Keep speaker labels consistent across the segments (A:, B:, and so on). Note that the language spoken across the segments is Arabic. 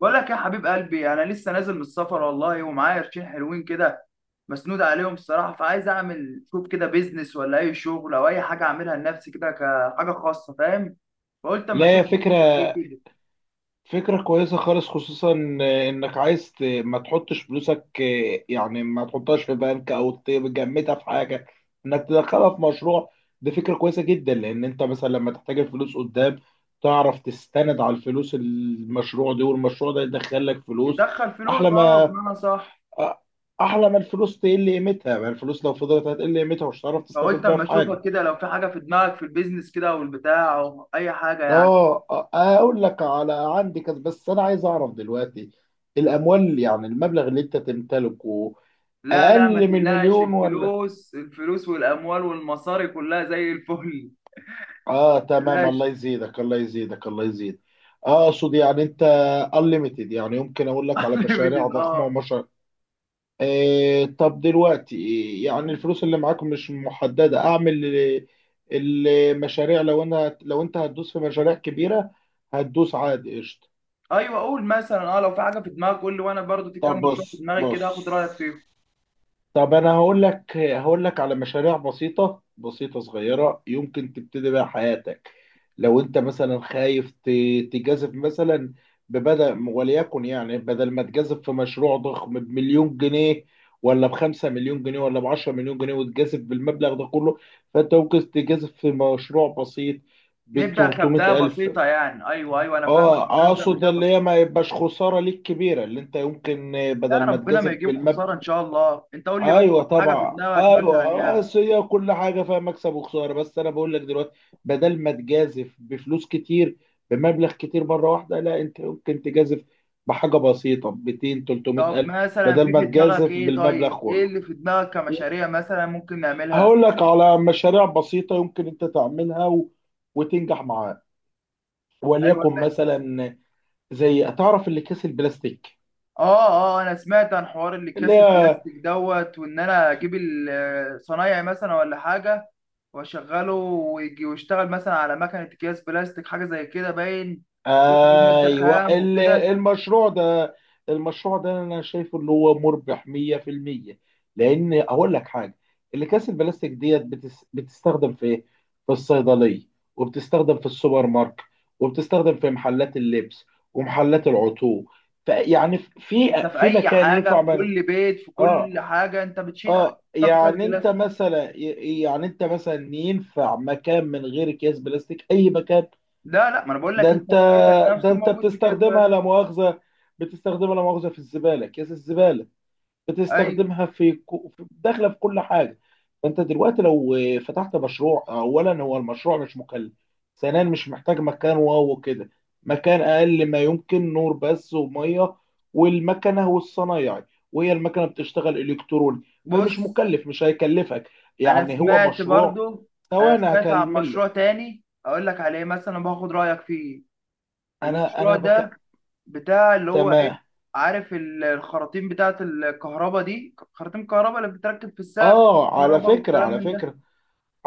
A: بقول لك يا حبيب قلبي، انا لسه نازل من السفر والله، ومعايا قرشين حلوين كده مسنود عليهم الصراحه. فعايز اعمل شوف كده بيزنس، ولا اي شغل او اي حاجه اعملها لنفسي كده كحاجه خاصه، فاهم؟ فقلت اما
B: لا،
A: اشوف
B: هي فكرة.
A: دنيتك ايه كده.
B: كويسة خالص، خصوصا انك عايز ما تحطش فلوسك، يعني ما تحطهاش في بنك او تجمدها في حاجة، انك تدخلها في مشروع. دي فكرة كويسة جدا، لان انت مثلا لما تحتاج الفلوس قدام تعرف تستند على الفلوس المشروع دي، والمشروع ده يدخل لك فلوس.
A: ندخل
B: احلى
A: فلوس، اه،
B: ما
A: بمعنى صح.
B: احلى ما الفلوس تقل قيمتها، ما الفلوس لو فضلت هتقل قيمتها ومش هتعرف
A: فقلت
B: تستفيد بيها
A: اما
B: في
A: اشوفك
B: حاجة.
A: كده لو في حاجه في دماغك في البيزنس كده او البتاع او اي حاجه يعني.
B: اقول لك على عندي كذا، بس انا عايز اعرف دلوقتي الاموال، يعني المبلغ اللي انت تمتلكه،
A: لا لا، ما
B: اقل من
A: تقلقش،
B: المليون ولا؟
A: الفلوس الفلوس والاموال والمصاري كلها زي الفل.
B: اه تمام،
A: ما تقلقش.
B: الله يزيدك الله يزيدك الله يزيدك. اقصد يعني انت unlimited، يعني يمكن اقول لك على مشاريع
A: unlimited،
B: ضخمه
A: اه.
B: ومشاريع. طب دلوقتي، يعني الفلوس اللي معاك مش محدده، اعمل المشاريع. لو انت هتدوس في مشاريع كبيره هتدوس عادي، قشطه.
A: ايوه، قول مثلا، اه، لو في حاجه في دماغك قول لي، وانا برضو في
B: طب
A: كام مشروع في
B: بص
A: دماغي كده هاخد رايك فيهم.
B: طب انا هقول لك على مشاريع بسيطه صغيره يمكن تبتدي بيها حياتك. لو انت مثلا خايف تجازف مثلا، ببدأ وليكن، يعني بدل ما تجازف في مشروع ضخم بمليون جنيه، ولا بخمسة مليون جنيه، ولا بعشرة مليون جنيه، وتجازف بالمبلغ ده كله، فانت ممكن تجازف في مشروع بسيط
A: نبدا
B: بتلتمية
A: كبدايه
B: ألف.
A: بسيطه يعني، ايوه ايوه انا
B: اه،
A: فاهمك، نبدا
B: اقصد
A: بدايه
B: اللي
A: بسيطه.
B: هي ما يبقاش خسارة ليك كبيرة، اللي انت يمكن
A: لا،
B: بدل ما
A: ربنا ما
B: تجازف
A: يجيب
B: بالمبلغ.
A: خساره ان شاء الله، انت قول لي بس
B: ايوه
A: حاجه في
B: طبعا
A: دماغك مثلا
B: ايوه،
A: يعني.
B: بس هي كل حاجه فيها مكسب وخساره، بس انا بقول لك دلوقتي بدل ما تجازف بفلوس كتير، بمبلغ كتير مره واحده، لا انت ممكن تجازف بحاجه بسيطه، 200
A: طب
B: 300 الف،
A: مثلا
B: بدل
A: في
B: ما
A: في دماغك
B: تجازف
A: ايه؟
B: بالمبلغ
A: طيب ايه
B: كله.
A: اللي في دماغك كمشاريع مثلا ممكن نعملها؟
B: هقول لك على مشاريع بسيطه يمكن انت تعملها وتنجح معاك.
A: ايوه،
B: وليكن مثلا زي، تعرف اللي كيس البلاستيك؟
A: اه اه، انا سمعت عن حوار اللي
B: اللي
A: كاس
B: هي،
A: البلاستيك دوت. وان انا اجيب الصنايعي مثلا ولا حاجه واشغله، ويجي ويشتغل مثلا على مكنه اكياس بلاستيك، حاجه زي كده باين، واجيب فيه ماده
B: ايوه.
A: خام وكده.
B: المشروع ده، المشروع ده انا شايفه ان هو مربح 100%، لان اقول لك حاجه، الاكياس البلاستيك ديت بتستخدم في ايه؟ في الصيدليه، وبتستخدم في السوبر ماركت، وبتستخدم في محلات اللبس، ومحلات العطور. فيعني
A: انت في
B: في
A: اي
B: مكان
A: حاجه
B: ينفع
A: في
B: من؟
A: كل بيت، في كل
B: اه.
A: حاجه انت بتشيل حاجه
B: اه،
A: تحطها في كاس
B: يعني انت
A: بلاستيك.
B: مثلا، ينفع مكان من غير اكياس بلاستيك؟ اي مكان.
A: لا لا، ما انا بقول لك
B: ده
A: انت
B: انت
A: في بيتك
B: ده
A: نفسه
B: انت
A: موجود في كاس
B: بتستخدمها
A: بلاستيك.
B: لا مؤاخذه، بتستخدمها لا مؤاخذه في الزباله، كيس الزباله،
A: اي،
B: بتستخدمها في داخله في كل حاجه. فانت دلوقتي لو فتحت مشروع، اولا هو المشروع مش مكلف، ثانيا مش محتاج مكان وكده، مكان اقل ما يمكن، نور بس وميه والمكنه والصنايعي، وهي المكنه بتشتغل الكتروني،
A: بص،
B: فمش مكلف مش هيكلفك،
A: انا
B: يعني هو
A: سمعت
B: مشروع.
A: برضو انا
B: ثواني
A: سمعت عن
B: هكمل
A: مشروع
B: لك.
A: تاني اقول لك عليه مثلا باخد رايك فيه.
B: انا
A: المشروع
B: انا،
A: ده
B: بك
A: بتاع اللي هو ايه،
B: تمام
A: عارف الخراطيم بتاعة الكهرباء دي، خراطيم الكهرباء اللي بتتركب في السقف،
B: اه على
A: كهرباء
B: فكرة
A: والكلام
B: على
A: من ده،
B: فكرة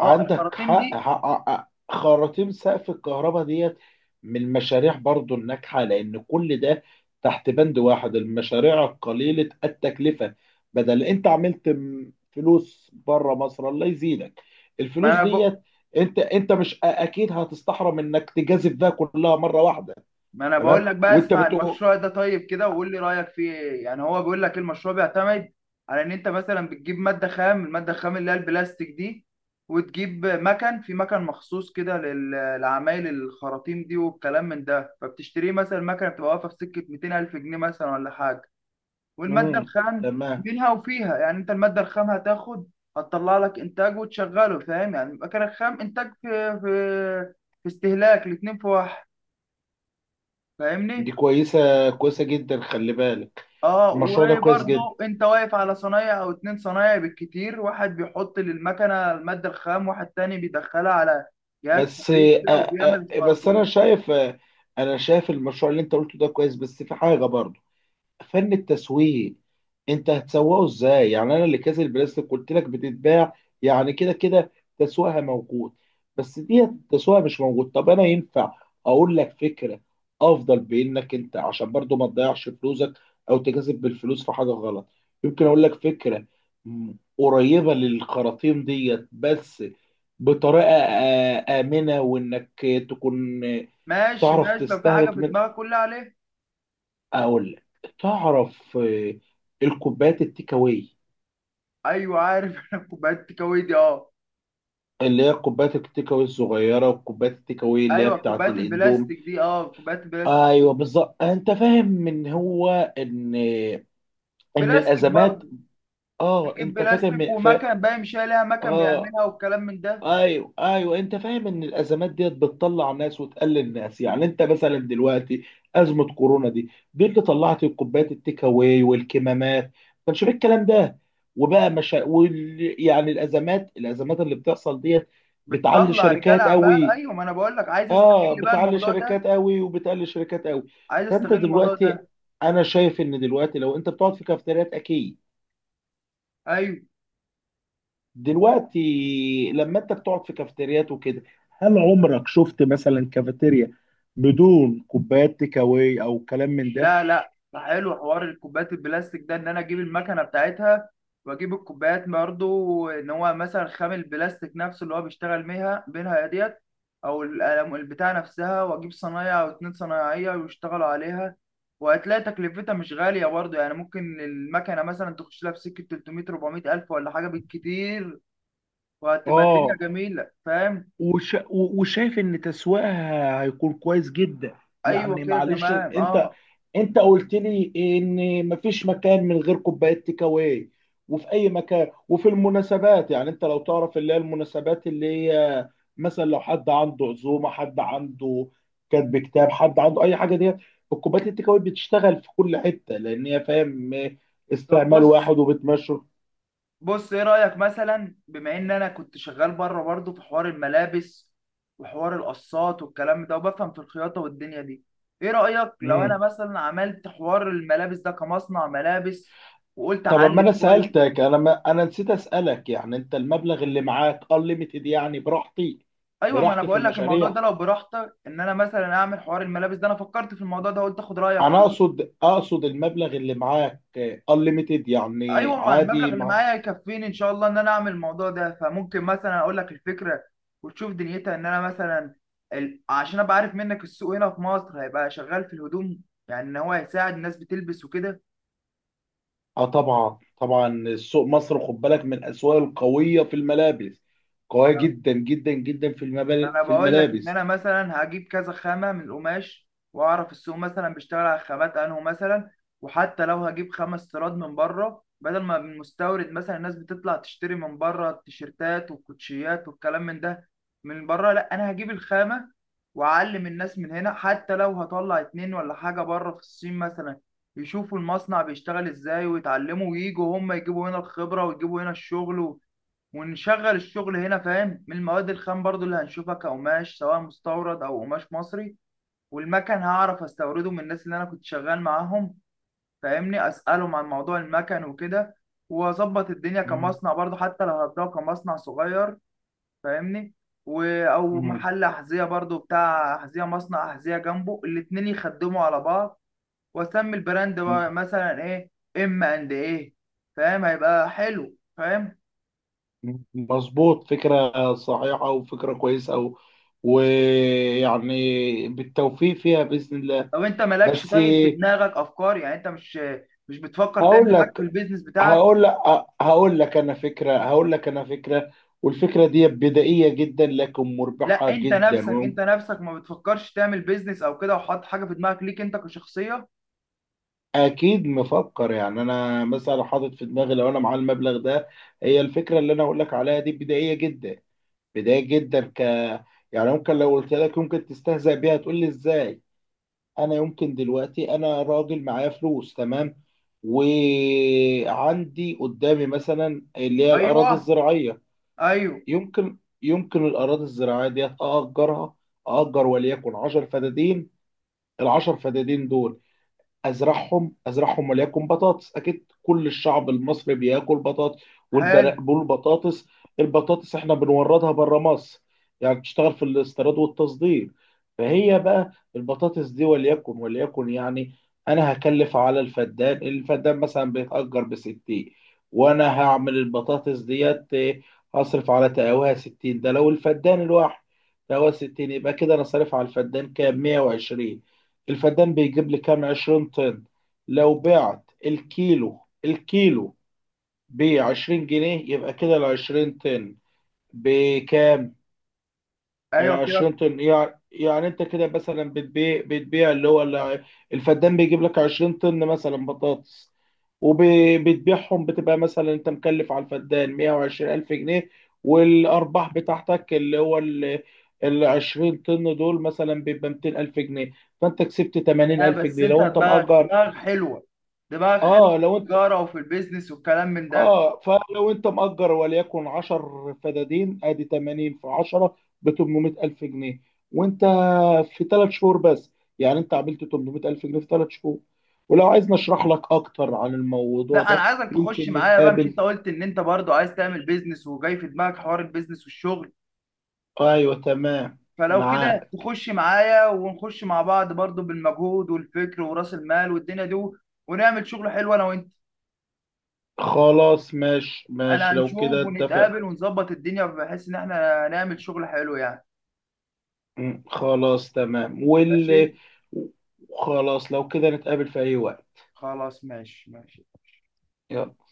A: اه الخراطيم
B: حق
A: دي.
B: حق. خراطيم سقف الكهرباء ديت من المشاريع برضو الناجحة، لأن كل ده تحت بند واحد، المشاريع القليلة التكلفة. بدل أنت عملت فلوس بره مصر، الله يزيدك،
A: ما
B: الفلوس
A: انا ب...
B: ديت، أنت مش أكيد هتستحرم إنك تجازف بها كلها مرة واحدة.
A: ما انا
B: تمام،
A: بقول لك بقى،
B: وأنت
A: اسمع
B: بتقول.
A: المشروع ده طيب كده وقول لي رأيك فيه ايه. يعني هو بيقول لك المشروع بيعتمد على ان انت مثلا بتجيب مادة خام، المادة الخام اللي هي البلاستيك دي، وتجيب مكن، في مكن مخصوص كده لعمايل الخراطيم دي والكلام من ده، فبتشتريه مثلا، مكنه بتبقى واقفه في سكه 200 الف جنيه مثلا ولا حاجه. والمادة
B: مم.
A: الخام
B: تمام،
A: منها وفيها، يعني انت المادة الخام هتاخد هتطلع لك انتاج، وتشغله فاهم؟ يعني المكان الخام انتاج، في استهلاك، الاتنين في واحد
B: دي
A: فاهمني؟
B: كويسة جدا، خلي بالك.
A: اه،
B: المشروع ده كويس جدا،
A: وبرضه انت واقف على صنايع او اتنين صنايع بالكتير، واحد بيحط للمكنة المادة الخام، واحد تاني بيدخلها على جهاز
B: بس
A: تبريد كده وبيعمل
B: بس انا
A: الخراطيم.
B: شايف، انا شايف المشروع اللي انت قلته ده كويس، بس في حاجه برضه، فن التسويق. انت هتسوقه ازاي؟ يعني انا اللي كاس البلاستيك قلت لك بتتباع، يعني كده كده تسويقها موجود، بس دي تسويقها مش موجود. طب انا ينفع اقول لك فكره افضل، بانك انت عشان برضو ما تضيعش فلوسك او تكسب بالفلوس في حاجه غلط. يمكن اقول لك فكره م- قريبه للخراطيم ديت، بس بطريقه امنه، وانك تكون
A: ماشي
B: تعرف
A: ماشي، لو في حاجة
B: تستهلك
A: في
B: من.
A: دماغك قول لي عليها.
B: اقول لك، تعرف الكوبايات التيك اواي؟
A: ايوه عارف. انا كوبايات التكاوي دي، اه.
B: اللي هي كوبايات التيك اواي الصغيره، وكوبايات التيك اواي اللي هي
A: ايوه
B: بتاعه
A: كوبايات
B: الاندوم.
A: البلاستيك دي، اه، كوبايات البلاستيك،
B: ايوه بالظبط، انت فاهم ان هو، ان ان
A: بلاستيك
B: الازمات.
A: برضه،
B: اه،
A: نجيب
B: انت فاكر
A: بلاستيك ومكن باين، مش هي ليها مكن
B: اه.
A: بيعملها والكلام من ده.
B: ايوه ايوه، انت فاهم ان الازمات ديت بتطلع ناس وتقلل ناس، يعني انت مثلا دلوقتي ازمه كورونا دي اللي طلعت الكوبايات التيك اواي والكمامات، ما كانش فيه الكلام ده، وبقى مشا يعني الازمات، الازمات اللي بتحصل ديت بتعلي
A: بتطلع رجال
B: شركات
A: اعمال،
B: قوي.
A: ايوه، ما انا بقول لك
B: اه،
A: بقى
B: بتعلي
A: الموضوع ده
B: شركات قوي وبتقلل شركات قوي.
A: عايز
B: فانت
A: استغل الموضوع
B: دلوقتي،
A: ده.
B: انا شايف ان دلوقتي لو انت بتقعد في كافتريات اكيد،
A: ايوه.
B: دلوقتي لما انت بتقعد في كافيتريات وكده، هل عمرك شفت مثلا كافيتيريا بدون كوبايات تيك اواي او كلام من ده؟
A: لا لا، حلو حوار الكوبايات البلاستيك ده، ان انا اجيب المكنه بتاعتها واجيب الكوبايات برضه. ان هو مثلا خام البلاستيك نفسه اللي هو بيشتغل بيها بينها ديت، او البتاع نفسها، واجيب صنايع او اتنين صنايعيه ويشتغلوا عليها. وهتلاقي تكلفتها مش غاليه برضه يعني، ممكن المكنه مثلا تخش لها في سكه 300 400 الف ولا حاجه بالكتير، وهتبقى الدنيا
B: اه.
A: جميله فاهم؟
B: وش... و- وشايف ان تسويقها هيكون كويس جدا.
A: ايوه
B: يعني
A: كده
B: معلش
A: تمام،
B: انت،
A: اه.
B: انت قلت لي ان مفيش مكان من غير كوبايات تيكاواي وفي اي مكان وفي المناسبات، يعني انت لو تعرف اللي هي المناسبات، اللي هي مثلا لو حد عنده عزومه، حد عنده كاتب كتاب، حد عنده اي حاجه ديت، الكوبايات التيكاواي بتشتغل في كل حته، لان هي فاهم،
A: طب
B: استعمال
A: بص
B: واحد وبتمشي.
A: بص، ايه رأيك مثلا بما ان انا كنت شغال بره برضه في حوار الملابس، وحوار القصات والكلام ده، وبفهم في الخياطة والدنيا دي، ايه رأيك لو انا
B: مم.
A: مثلا عملت حوار الملابس ده كمصنع ملابس، وقلت
B: طب اما
A: اعلي
B: انا
A: شوية.
B: سالتك، انا ما انا نسيت اسالك، يعني انت المبلغ اللي معاك unlimited يعني، براحتي
A: ايوه، ما انا
B: براحتي في
A: بقول لك الموضوع
B: المشاريع؟
A: ده لو براحتك، ان انا مثلا اعمل حوار الملابس ده، انا فكرت في الموضوع ده قلت اخد رأيك
B: انا
A: فيه.
B: اقصد المبلغ اللي معاك unlimited، يعني
A: ايوه، ما
B: عادي.
A: المبلغ اللي
B: مع،
A: معايا يكفيني ان شاء الله ان انا اعمل الموضوع ده. فممكن مثلا اقول لك الفكره، وتشوف دنيتها. ان انا مثلا، عشان ابقى عارف منك السوق هنا في مصر هيبقى شغال في الهدوم، يعني ان هو هيساعد الناس بتلبس وكده.
B: اه طبعا طبعا، سوق مصر خد بالك من الاسواق القويه في الملابس، قويه جدا جدا جدا في
A: ما انا
B: في
A: بقول لك ان
B: الملابس.
A: انا مثلا هجيب كذا خامه من القماش، واعرف السوق مثلا بيشتغل على خامات انه مثلا. وحتى لو هجيب خمس استيراد من بره، بدل ما المستورد مثلا الناس بتطلع تشتري من بره التيشيرتات والكوتشيات والكلام من ده من بره، لا انا هجيب الخامه، واعلم الناس من هنا. حتى لو هطلع اتنين ولا حاجه بره في الصين مثلا، يشوفوا المصنع بيشتغل ازاي ويتعلموا، وييجوا هم يجيبوا هنا الخبره، ويجيبوا هنا الشغل، ونشغل الشغل هنا فاهم؟ من المواد الخام برضو اللي هنشوفها كقماش، سواء مستورد او قماش مصري، والمكن هعرف استورده من الناس اللي انا كنت شغال معاهم، فاهمني؟ اسالهم عن موضوع المكن وكده، واظبط الدنيا
B: مم.
A: كمصنع برضو، حتى لو هبداه كمصنع صغير فاهمني؟ او
B: مم.
A: محل احذيه برضو، بتاع احذيه مصنع احذيه جنبه، الاتنين يخدموا على بعض. واسمي البراند بقى مثلا ايه، ام اند ايه، فاهم هيبقى حلو فاهم؟
B: مم. مظبوط، فكره صحيحه وفكره كويسه ويعني بالتوفيق فيها باذن الله.
A: طب انت مالكش
B: بس.
A: طيب في دماغك افكار، يعني انت مش، مش بتفكر تعمل
B: هقول
A: حاجه في
B: لك
A: البيزنس بتاعك؟
B: هقول لك هقول لك انا فكره، والفكره دي بدائيه جدا لكن مربحه
A: لا، انت
B: جدا
A: نفسك انت
B: وممكن.
A: نفسك ما بتفكرش تعمل بيزنس او كده وحاطط حاجه في دماغك ليك انت كشخصيه؟
B: اكيد مفكر، يعني انا مثلا حاطط في دماغي لو انا معايا المبلغ ده، هي الفكره اللي انا اقول لك عليها دي بدائيه جدا بدائيه جدا ك يعني ممكن لو قلت لك ممكن تستهزأ بيها تقول لي ازاي. انا يمكن دلوقتي، انا راجل معايا فلوس تمام، وعندي قدامي مثلا اللي هي الاراضي
A: ايوه
B: الزراعيه،
A: ايوه،
B: يمكن الأراضي الزراعية دي أأجرها، أأجر وليكن 10 فدادين، العشر فدادين دول ازرعهم وليكن بطاطس، اكيد كل الشعب المصري بياكل بطاطس.
A: حلو،
B: والبطاطس، البطاطس احنا بنوردها بره مصر، يعني بتشتغل في الاستيراد والتصدير. فهي بقى البطاطس دي وليكن يعني، انا هكلف على الفدان، الفدان مثلا بيتأجر بستين، وانا هعمل البطاطس ديت هصرف على تقاوها ستين، ده لو الفدان الواحد تقاوها ستين، يبقى كده انا صارف على الفدان كام، مية وعشرين. الفدان بيجيب لي كام، 20 طن. لو بعت الكيلو، الكيلو ب 20 جنيه، يبقى كده ال 20 طن بكام؟ ال
A: ايوه كده.
B: 20 طن، يعني انت كده مثلا بتبيع اللي هو الفدان بيجيب لك 20 طن مثلا بطاطس، وبتبيعهم بتبقى مثلا انت مكلف على الفدان 120 ألف جنيه، والأرباح بتاعتك اللي هو ال 20 طن دول مثلا بيبقى 200 ألف جنيه. فأنت كسبت 80
A: لا
B: ألف
A: بس
B: جنيه
A: انت
B: لو أنت
A: دماغك
B: مأجر.
A: دماغك حلوه دماغك حلوه في
B: اه، لو انت،
A: التجاره، وفي البيزنس والكلام من ده.
B: اه فلو انت مأجر وليكن 10 فدادين، ادي 80 في 10 ب 800 الف جنيه، وانت في ثلاث شهور بس، يعني انت عملت 800 الف جنيه في ثلاث شهور. ولو عايز نشرح لك اكتر عن الموضوع
A: لا انا
B: ده
A: عايزك تخش
B: يمكن
A: معايا بقى، مش
B: نتقابل.
A: انت قلت ان انت برضو عايز تعمل بيزنس، وجاي في دماغك حوار البيزنس والشغل؟
B: ايوه تمام،
A: فلو كده
B: معاك.
A: تخش معايا، ونخش مع بعض برضو بالمجهود والفكر ورأس المال والدنيا دي، ونعمل شغل حلو انا وانت.
B: خلاص ماشي
A: انا
B: ماشي، لو
A: هنشوف
B: كده اتفق.
A: ونتقابل ونظبط الدنيا بحيث ان احنا نعمل شغل حلو يعني.
B: مم، خلاص تمام،
A: ماشي،
B: واللي، خلاص لو كده نتقابل في اي وقت.
A: خلاص ماشي ماشي ماشي.
B: يلا.